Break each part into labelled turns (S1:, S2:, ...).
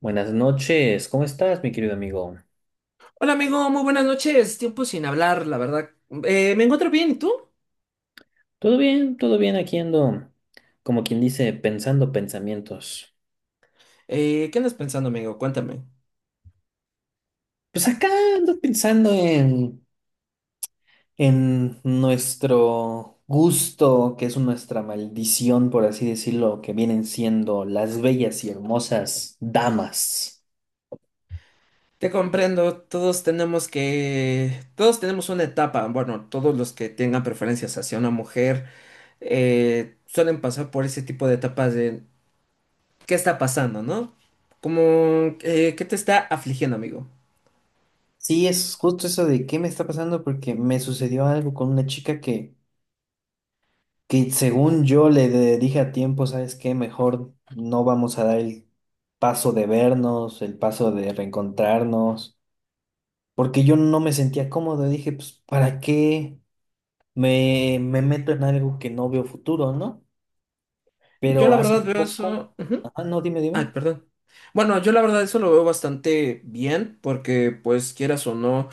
S1: Buenas noches, ¿cómo estás, mi querido amigo?
S2: Hola amigo, muy buenas noches. Tiempo sin hablar, la verdad. Me encuentro bien, ¿y tú?
S1: ¿Todo bien? ¿Todo bien? Aquí ando, como quien dice, pensando pensamientos.
S2: ¿Qué andas pensando, amigo? Cuéntame.
S1: Pues acá ando pensando en nuestro gusto, que es nuestra maldición, por así decirlo, que vienen siendo las bellas y hermosas damas.
S2: Te comprendo, todos tenemos que... Todos tenemos una etapa, bueno, todos los que tengan preferencias hacia una mujer suelen pasar por ese tipo de etapas de ¿qué está pasando, no? Como, ¿qué te está afligiendo, amigo?
S1: Sí, es justo eso de qué me está pasando porque me sucedió algo con una chica que según yo le dije a tiempo. ¿Sabes qué? Mejor no vamos a dar el paso de vernos, el paso de reencontrarnos, porque yo no me sentía cómodo. Dije, pues, ¿para qué me meto en algo que no veo futuro, no?
S2: Yo
S1: Pero
S2: la
S1: hace
S2: verdad veo
S1: poco,
S2: eso.
S1: ajá. No, dime,
S2: Ay,
S1: dime.
S2: perdón. Bueno, yo la verdad eso lo veo bastante bien porque pues quieras o no,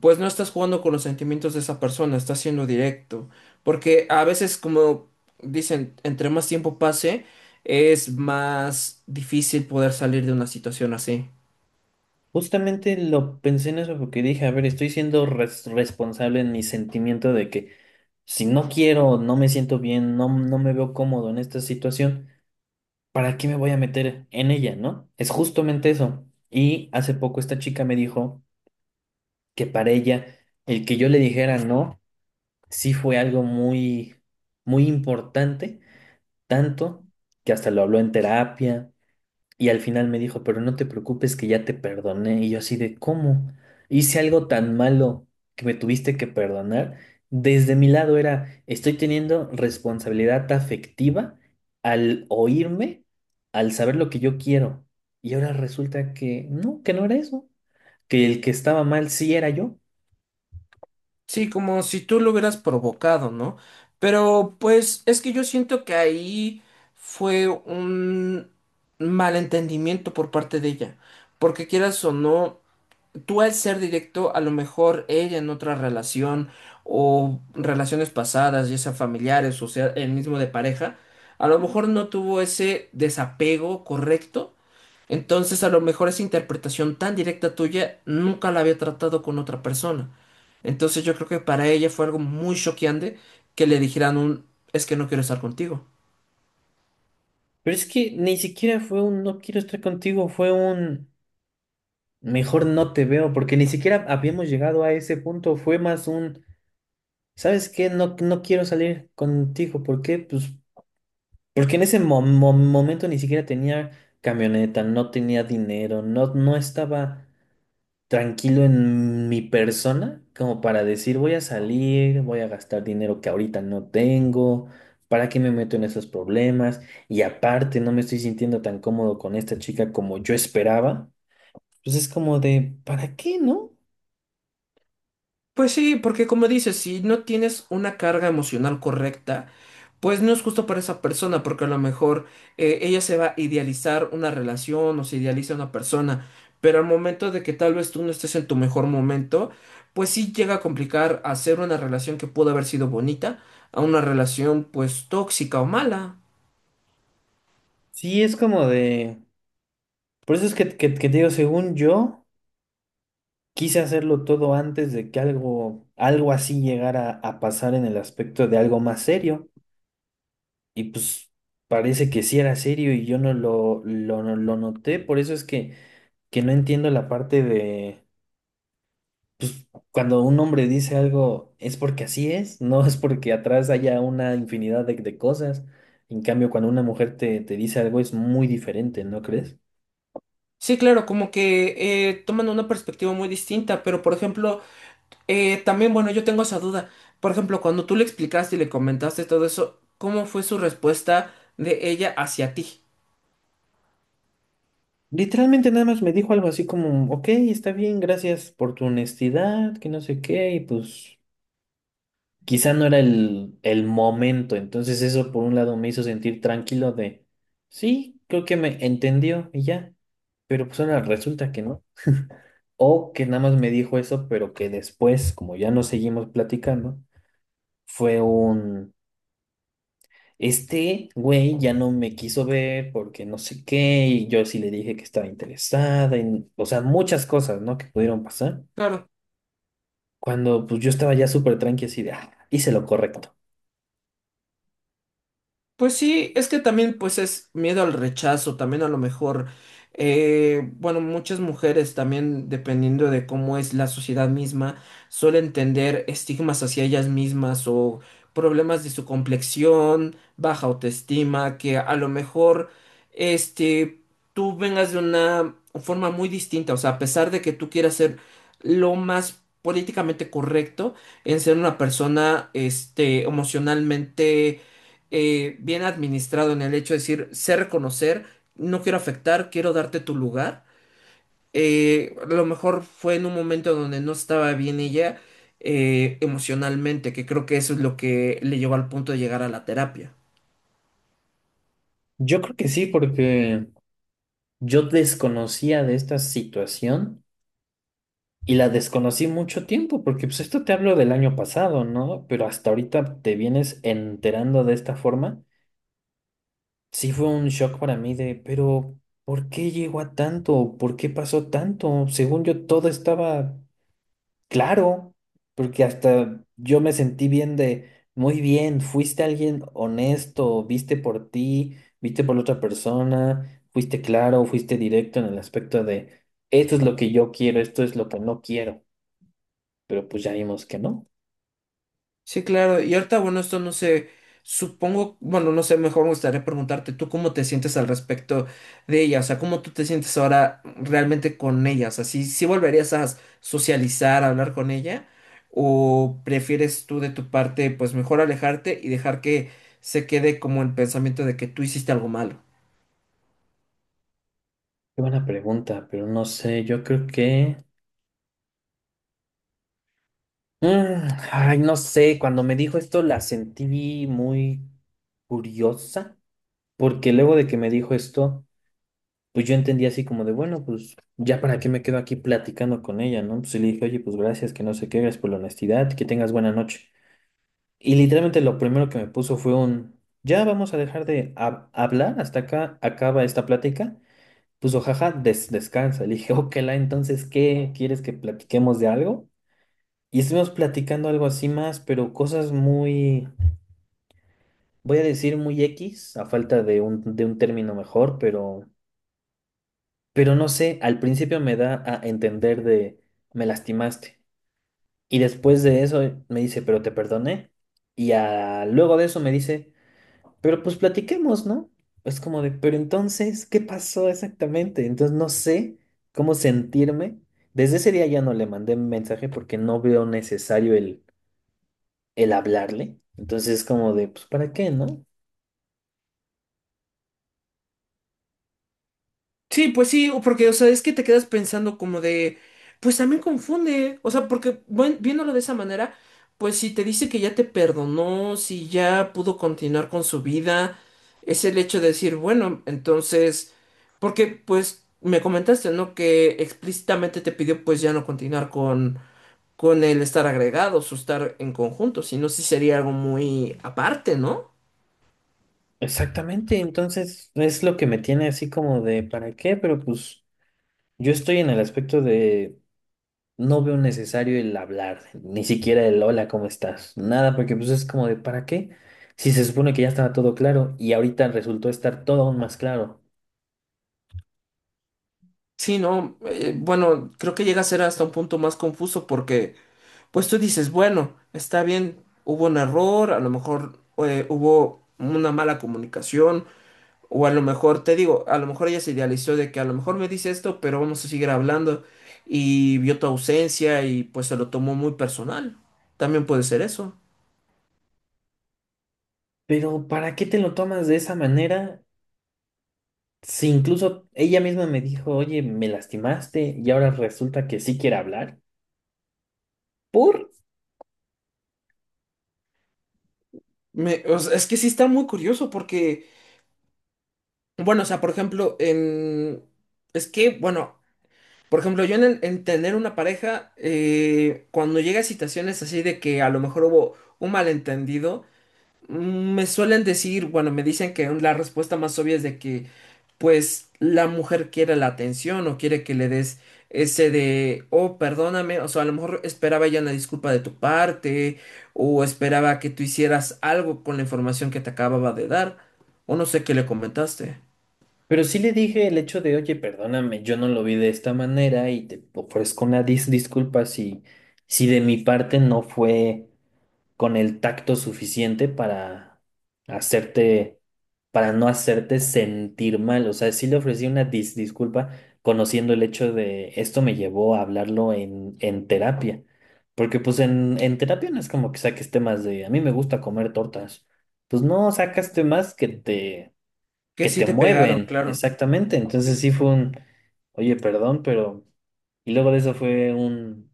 S2: pues no estás jugando con los sentimientos de esa persona, estás siendo directo. Porque a veces como dicen, entre más tiempo pase, es más difícil poder salir de una situación así.
S1: Justamente lo pensé en eso porque dije, a ver, estoy siendo responsable en mi sentimiento de que si no quiero, no me siento bien, no, no me veo cómodo en esta situación. ¿Para qué me voy a meter en ella, no? Es justamente eso. Y hace poco esta chica me dijo que para ella el que yo le dijera no sí fue algo muy, muy importante, tanto que hasta lo habló en terapia. Y al final me dijo, pero no te preocupes que ya te perdoné. Y yo así de, ¿cómo? Hice algo tan malo que me tuviste que perdonar. Desde mi lado era, estoy teniendo responsabilidad afectiva al oírme, al saber lo que yo quiero. Y ahora resulta que no era eso, que el que estaba mal sí era yo.
S2: Sí, como si tú lo hubieras provocado, ¿no? Pero pues es que yo siento que ahí fue un malentendimiento por parte de ella. Porque quieras o no, tú al ser directo, a lo mejor ella en otra relación o relaciones pasadas, ya sea familiares o sea el mismo de pareja, a lo mejor no tuvo ese desapego correcto. Entonces, a lo mejor esa interpretación tan directa tuya nunca la había tratado con otra persona. Entonces, yo creo que para ella fue algo muy choqueante que le dijeran un es que no quiero estar contigo.
S1: Pero es que ni siquiera fue un no quiero estar contigo, fue un mejor no te veo, porque ni siquiera habíamos llegado a ese punto, fue más un... ¿Sabes qué? No, no quiero salir contigo. ¿Por qué? Pues porque en ese momento ni siquiera tenía camioneta, no tenía dinero, no, no estaba tranquilo en mi persona como para decir voy a salir, voy a gastar dinero que ahorita no tengo. ¿Para qué me meto en esos problemas? Y aparte no me estoy sintiendo tan cómodo con esta chica como yo esperaba. Pues es como de, ¿para qué, no?
S2: Pues sí, porque como dices, si no tienes una carga emocional correcta, pues no es justo para esa persona, porque a lo mejor ella se va a idealizar una relación o se idealiza una persona, pero al momento de que tal vez tú no estés en tu mejor momento, pues sí llega a complicar hacer una relación que pudo haber sido bonita a una relación pues tóxica o mala.
S1: Sí, es como de... Por eso es que, que te digo, según yo... Quise hacerlo todo antes de que algo, algo así llegara a pasar en el aspecto de algo más serio. Y pues parece que sí era serio y yo no no lo noté. Por eso es que no entiendo la parte de cuando un hombre dice algo es porque así es, no es porque atrás haya una infinidad de cosas. En cambio, cuando una mujer te dice algo es muy diferente, ¿no crees?
S2: Sí, claro, como que toman una perspectiva muy distinta, pero por ejemplo... también, bueno, yo tengo esa duda. Por ejemplo, cuando tú le explicaste y le comentaste todo eso, ¿cómo fue su respuesta de ella hacia ti?
S1: Literalmente nada más me dijo algo así como, ok, está bien, gracias por tu honestidad, que no sé qué, y pues... quizá no era el momento. Entonces eso por un lado me hizo sentir tranquilo de, sí, creo que me entendió y ya. Pero pues ahora resulta que no. O que nada más me dijo eso, pero que después, como ya no seguimos platicando, fue un este güey ya no me quiso ver porque no sé qué, y yo sí le dije que estaba interesada, en, o sea, muchas cosas, ¿no? Que pudieron pasar. Cuando pues yo estaba ya súper tranqui así de, ah, hice lo correcto.
S2: Pues sí, es que también pues es miedo al rechazo, también a lo mejor, bueno, muchas mujeres también, dependiendo de cómo es la sociedad misma, suelen tender estigmas hacia ellas mismas o problemas de su complexión, baja autoestima, que a lo mejor, este, tú vengas de una forma muy distinta, o sea, a pesar de que tú quieras ser lo más políticamente correcto en ser una persona, este, emocionalmente bien administrado en el hecho de decir, sé reconocer, no quiero afectar, quiero darte tu lugar. A lo mejor fue en un momento donde no estaba bien ella emocionalmente, que creo que eso es lo que le llevó al punto de llegar a la terapia.
S1: Yo creo que sí, porque... Yo desconocía de esta situación y la desconocí mucho tiempo, porque pues esto te hablo del año pasado, ¿no? Pero hasta ahorita te vienes enterando de esta forma. Sí fue un shock para mí de, pero ¿por qué llegó a tanto? ¿Por qué pasó tanto? Según yo todo estaba claro, porque hasta yo me sentí bien de, muy bien, fuiste alguien honesto, viste por ti, viste por la otra persona, fuiste claro, fuiste directo en el aspecto de, esto es lo que yo quiero, esto es lo que no quiero, pero pues ya vimos que no.
S2: Sí, claro. Y ahorita, bueno, esto no sé, supongo, bueno, no sé, mejor me gustaría preguntarte tú cómo te sientes al respecto de ella, o sea, cómo tú te sientes ahora realmente con ella, o sea, si, si volverías a socializar, a hablar con ella, o prefieres tú de tu parte, pues mejor alejarte y dejar que se quede como el pensamiento de que tú hiciste algo malo.
S1: Qué buena pregunta, pero no sé, yo creo que... Mm, ay, no sé, cuando me dijo esto la sentí muy curiosa, porque luego de que me dijo esto... pues yo entendí así como de, bueno, pues ya para qué me quedo aquí platicando con ella, ¿no? Pues y le dije, oye, pues gracias, que no sé qué, gracias por la honestidad, que tengas buena noche. Y literalmente lo primero que me puso fue un, ya vamos a dejar de hablar, hasta acá acaba esta plática. Puso, jaja, descansa. Le dije, ok, la, entonces, ¿qué? ¿Quieres que platiquemos de algo? Y estuvimos platicando algo así más, pero cosas muy, voy a decir muy X, a falta de un término mejor, pero... Pero no sé, al principio me da a entender de me lastimaste. Y después de eso me dice, pero te perdoné. Y a- luego de eso me dice, pero pues platiquemos, ¿no? Es como de, pero entonces, ¿qué pasó exactamente? Entonces no sé cómo sentirme. Desde ese día ya no le mandé mensaje porque no veo necesario el hablarle. Entonces es como de, pues ¿para qué, no?
S2: Sí, pues sí, o porque, o sea, es que te quedas pensando como de, pues también confunde, o sea, porque buen- viéndolo de esa manera, pues si te dice que ya te perdonó, si ya pudo continuar con su vida, es el hecho de decir, bueno, entonces, porque pues me comentaste, ¿no? Que explícitamente te pidió pues ya no continuar con el estar agregados o estar en conjunto, sino sí sería algo muy aparte, ¿no?
S1: Exactamente, entonces es lo que me tiene así como de, ¿para qué? Pero pues... Yo estoy en el aspecto de no veo necesario el hablar, ni siquiera el hola, ¿cómo estás? Nada, porque pues es como de, ¿para qué? Si se supone que ya estaba todo claro y ahorita resultó estar todo aún más claro.
S2: Sí, no, bueno, creo que llega a ser hasta un punto más confuso porque... pues tú dices, bueno, está bien, hubo un error, a lo mejor hubo una mala comunicación, o a lo mejor, te digo, a lo mejor ella se idealizó de que a lo mejor me dice esto, pero vamos a seguir hablando, y vio tu ausencia y pues se lo tomó muy personal. También puede ser eso.
S1: Pero ¿para qué te lo tomas de esa manera? Si incluso ella misma me dijo, oye, me lastimaste y ahora resulta que sí quiere hablar. ¿Por?
S2: Me- o sea, es que sí está muy curioso porque, bueno, o sea, por ejemplo, en... Es que, bueno, por ejemplo, yo en, el- en tener una pareja, cuando llega a situaciones así de que a lo mejor hubo un malentendido, me suelen decir, bueno, me dicen que la respuesta más obvia es de que, pues, la mujer quiere la atención o quiere que le des ese de, oh, perdóname, o sea, a lo mejor esperaba ella una disculpa de tu parte o esperaba que tú hicieras algo con la información que te acababa de dar o no sé qué le comentaste.
S1: Pero sí le dije el hecho de, oye, perdóname, yo no lo vi de esta manera y te ofrezco una disculpa si, si de mi parte no fue con el tacto suficiente para hacerte, para no hacerte sentir mal. O sea, sí le ofrecí una disculpa conociendo el hecho de esto me llevó a hablarlo en terapia. Porque pues en terapia no es como que saques temas de a mí me gusta comer tortas. Pues no, sacas temas
S2: Que
S1: que
S2: sí
S1: te
S2: te pegaron,
S1: mueven,
S2: claro.
S1: exactamente.
S2: Sí,
S1: Entonces
S2: sí,
S1: sí
S2: sí.
S1: fue un, oye, perdón, pero... Y luego de eso fue un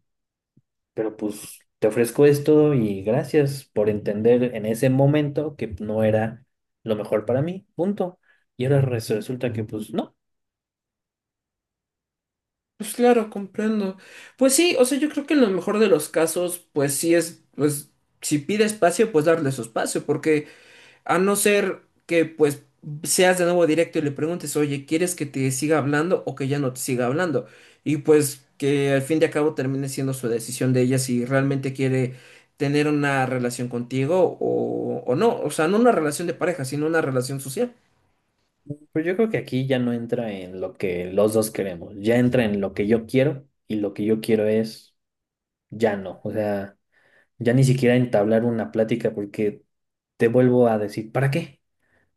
S1: pero pues te ofrezco esto y gracias por entender en ese momento que no era lo mejor para mí, punto. Y ahora resulta que pues no,
S2: Pues claro, comprendo. Pues sí, o sea, yo creo que en lo mejor de los casos, pues sí es, pues, si pide espacio, pues darle su espacio, porque... A no ser que pues seas de nuevo directo y le preguntes, oye, ¿quieres que te siga hablando o que ya no te siga hablando? Y pues que al fin de cabo termine siendo su decisión de ella si realmente quiere tener una relación contigo o no. O sea, no una relación de pareja, sino una relación social.
S1: pero yo creo que aquí ya no entra en lo que los dos queremos, ya entra en lo que yo quiero y lo que yo quiero es ya no, o sea, ya ni siquiera entablar una plática porque te vuelvo a decir, ¿para qué?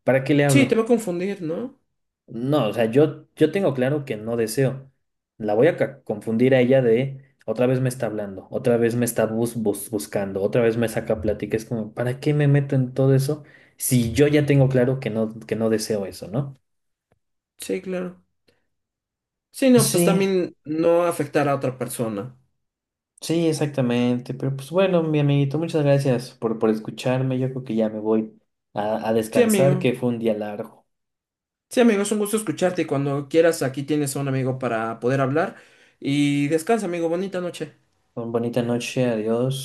S1: ¿Para qué le
S2: Sí, te
S1: hablo?
S2: va a confundir, ¿no?
S1: No, o sea, yo tengo claro que no deseo. La voy a confundir a ella de otra vez me está hablando, otra vez me está buscando, otra vez me saca plática. Es como, ¿para qué me meto en todo eso si yo ya tengo claro que no deseo eso, ¿no?
S2: Sí, claro. Sí, no, pues
S1: Sí,
S2: también no afectar a otra persona.
S1: sí, exactamente. Pero pues bueno, mi amiguito, muchas gracias por escucharme. Yo creo que ya me voy a
S2: Sí,
S1: descansar,
S2: amigo.
S1: que fue un día largo.
S2: Sí, amigo, es un gusto escucharte y cuando quieras aquí tienes a un amigo para poder hablar. Y descansa, amigo. Bonita noche.
S1: Una bonita noche, adiós.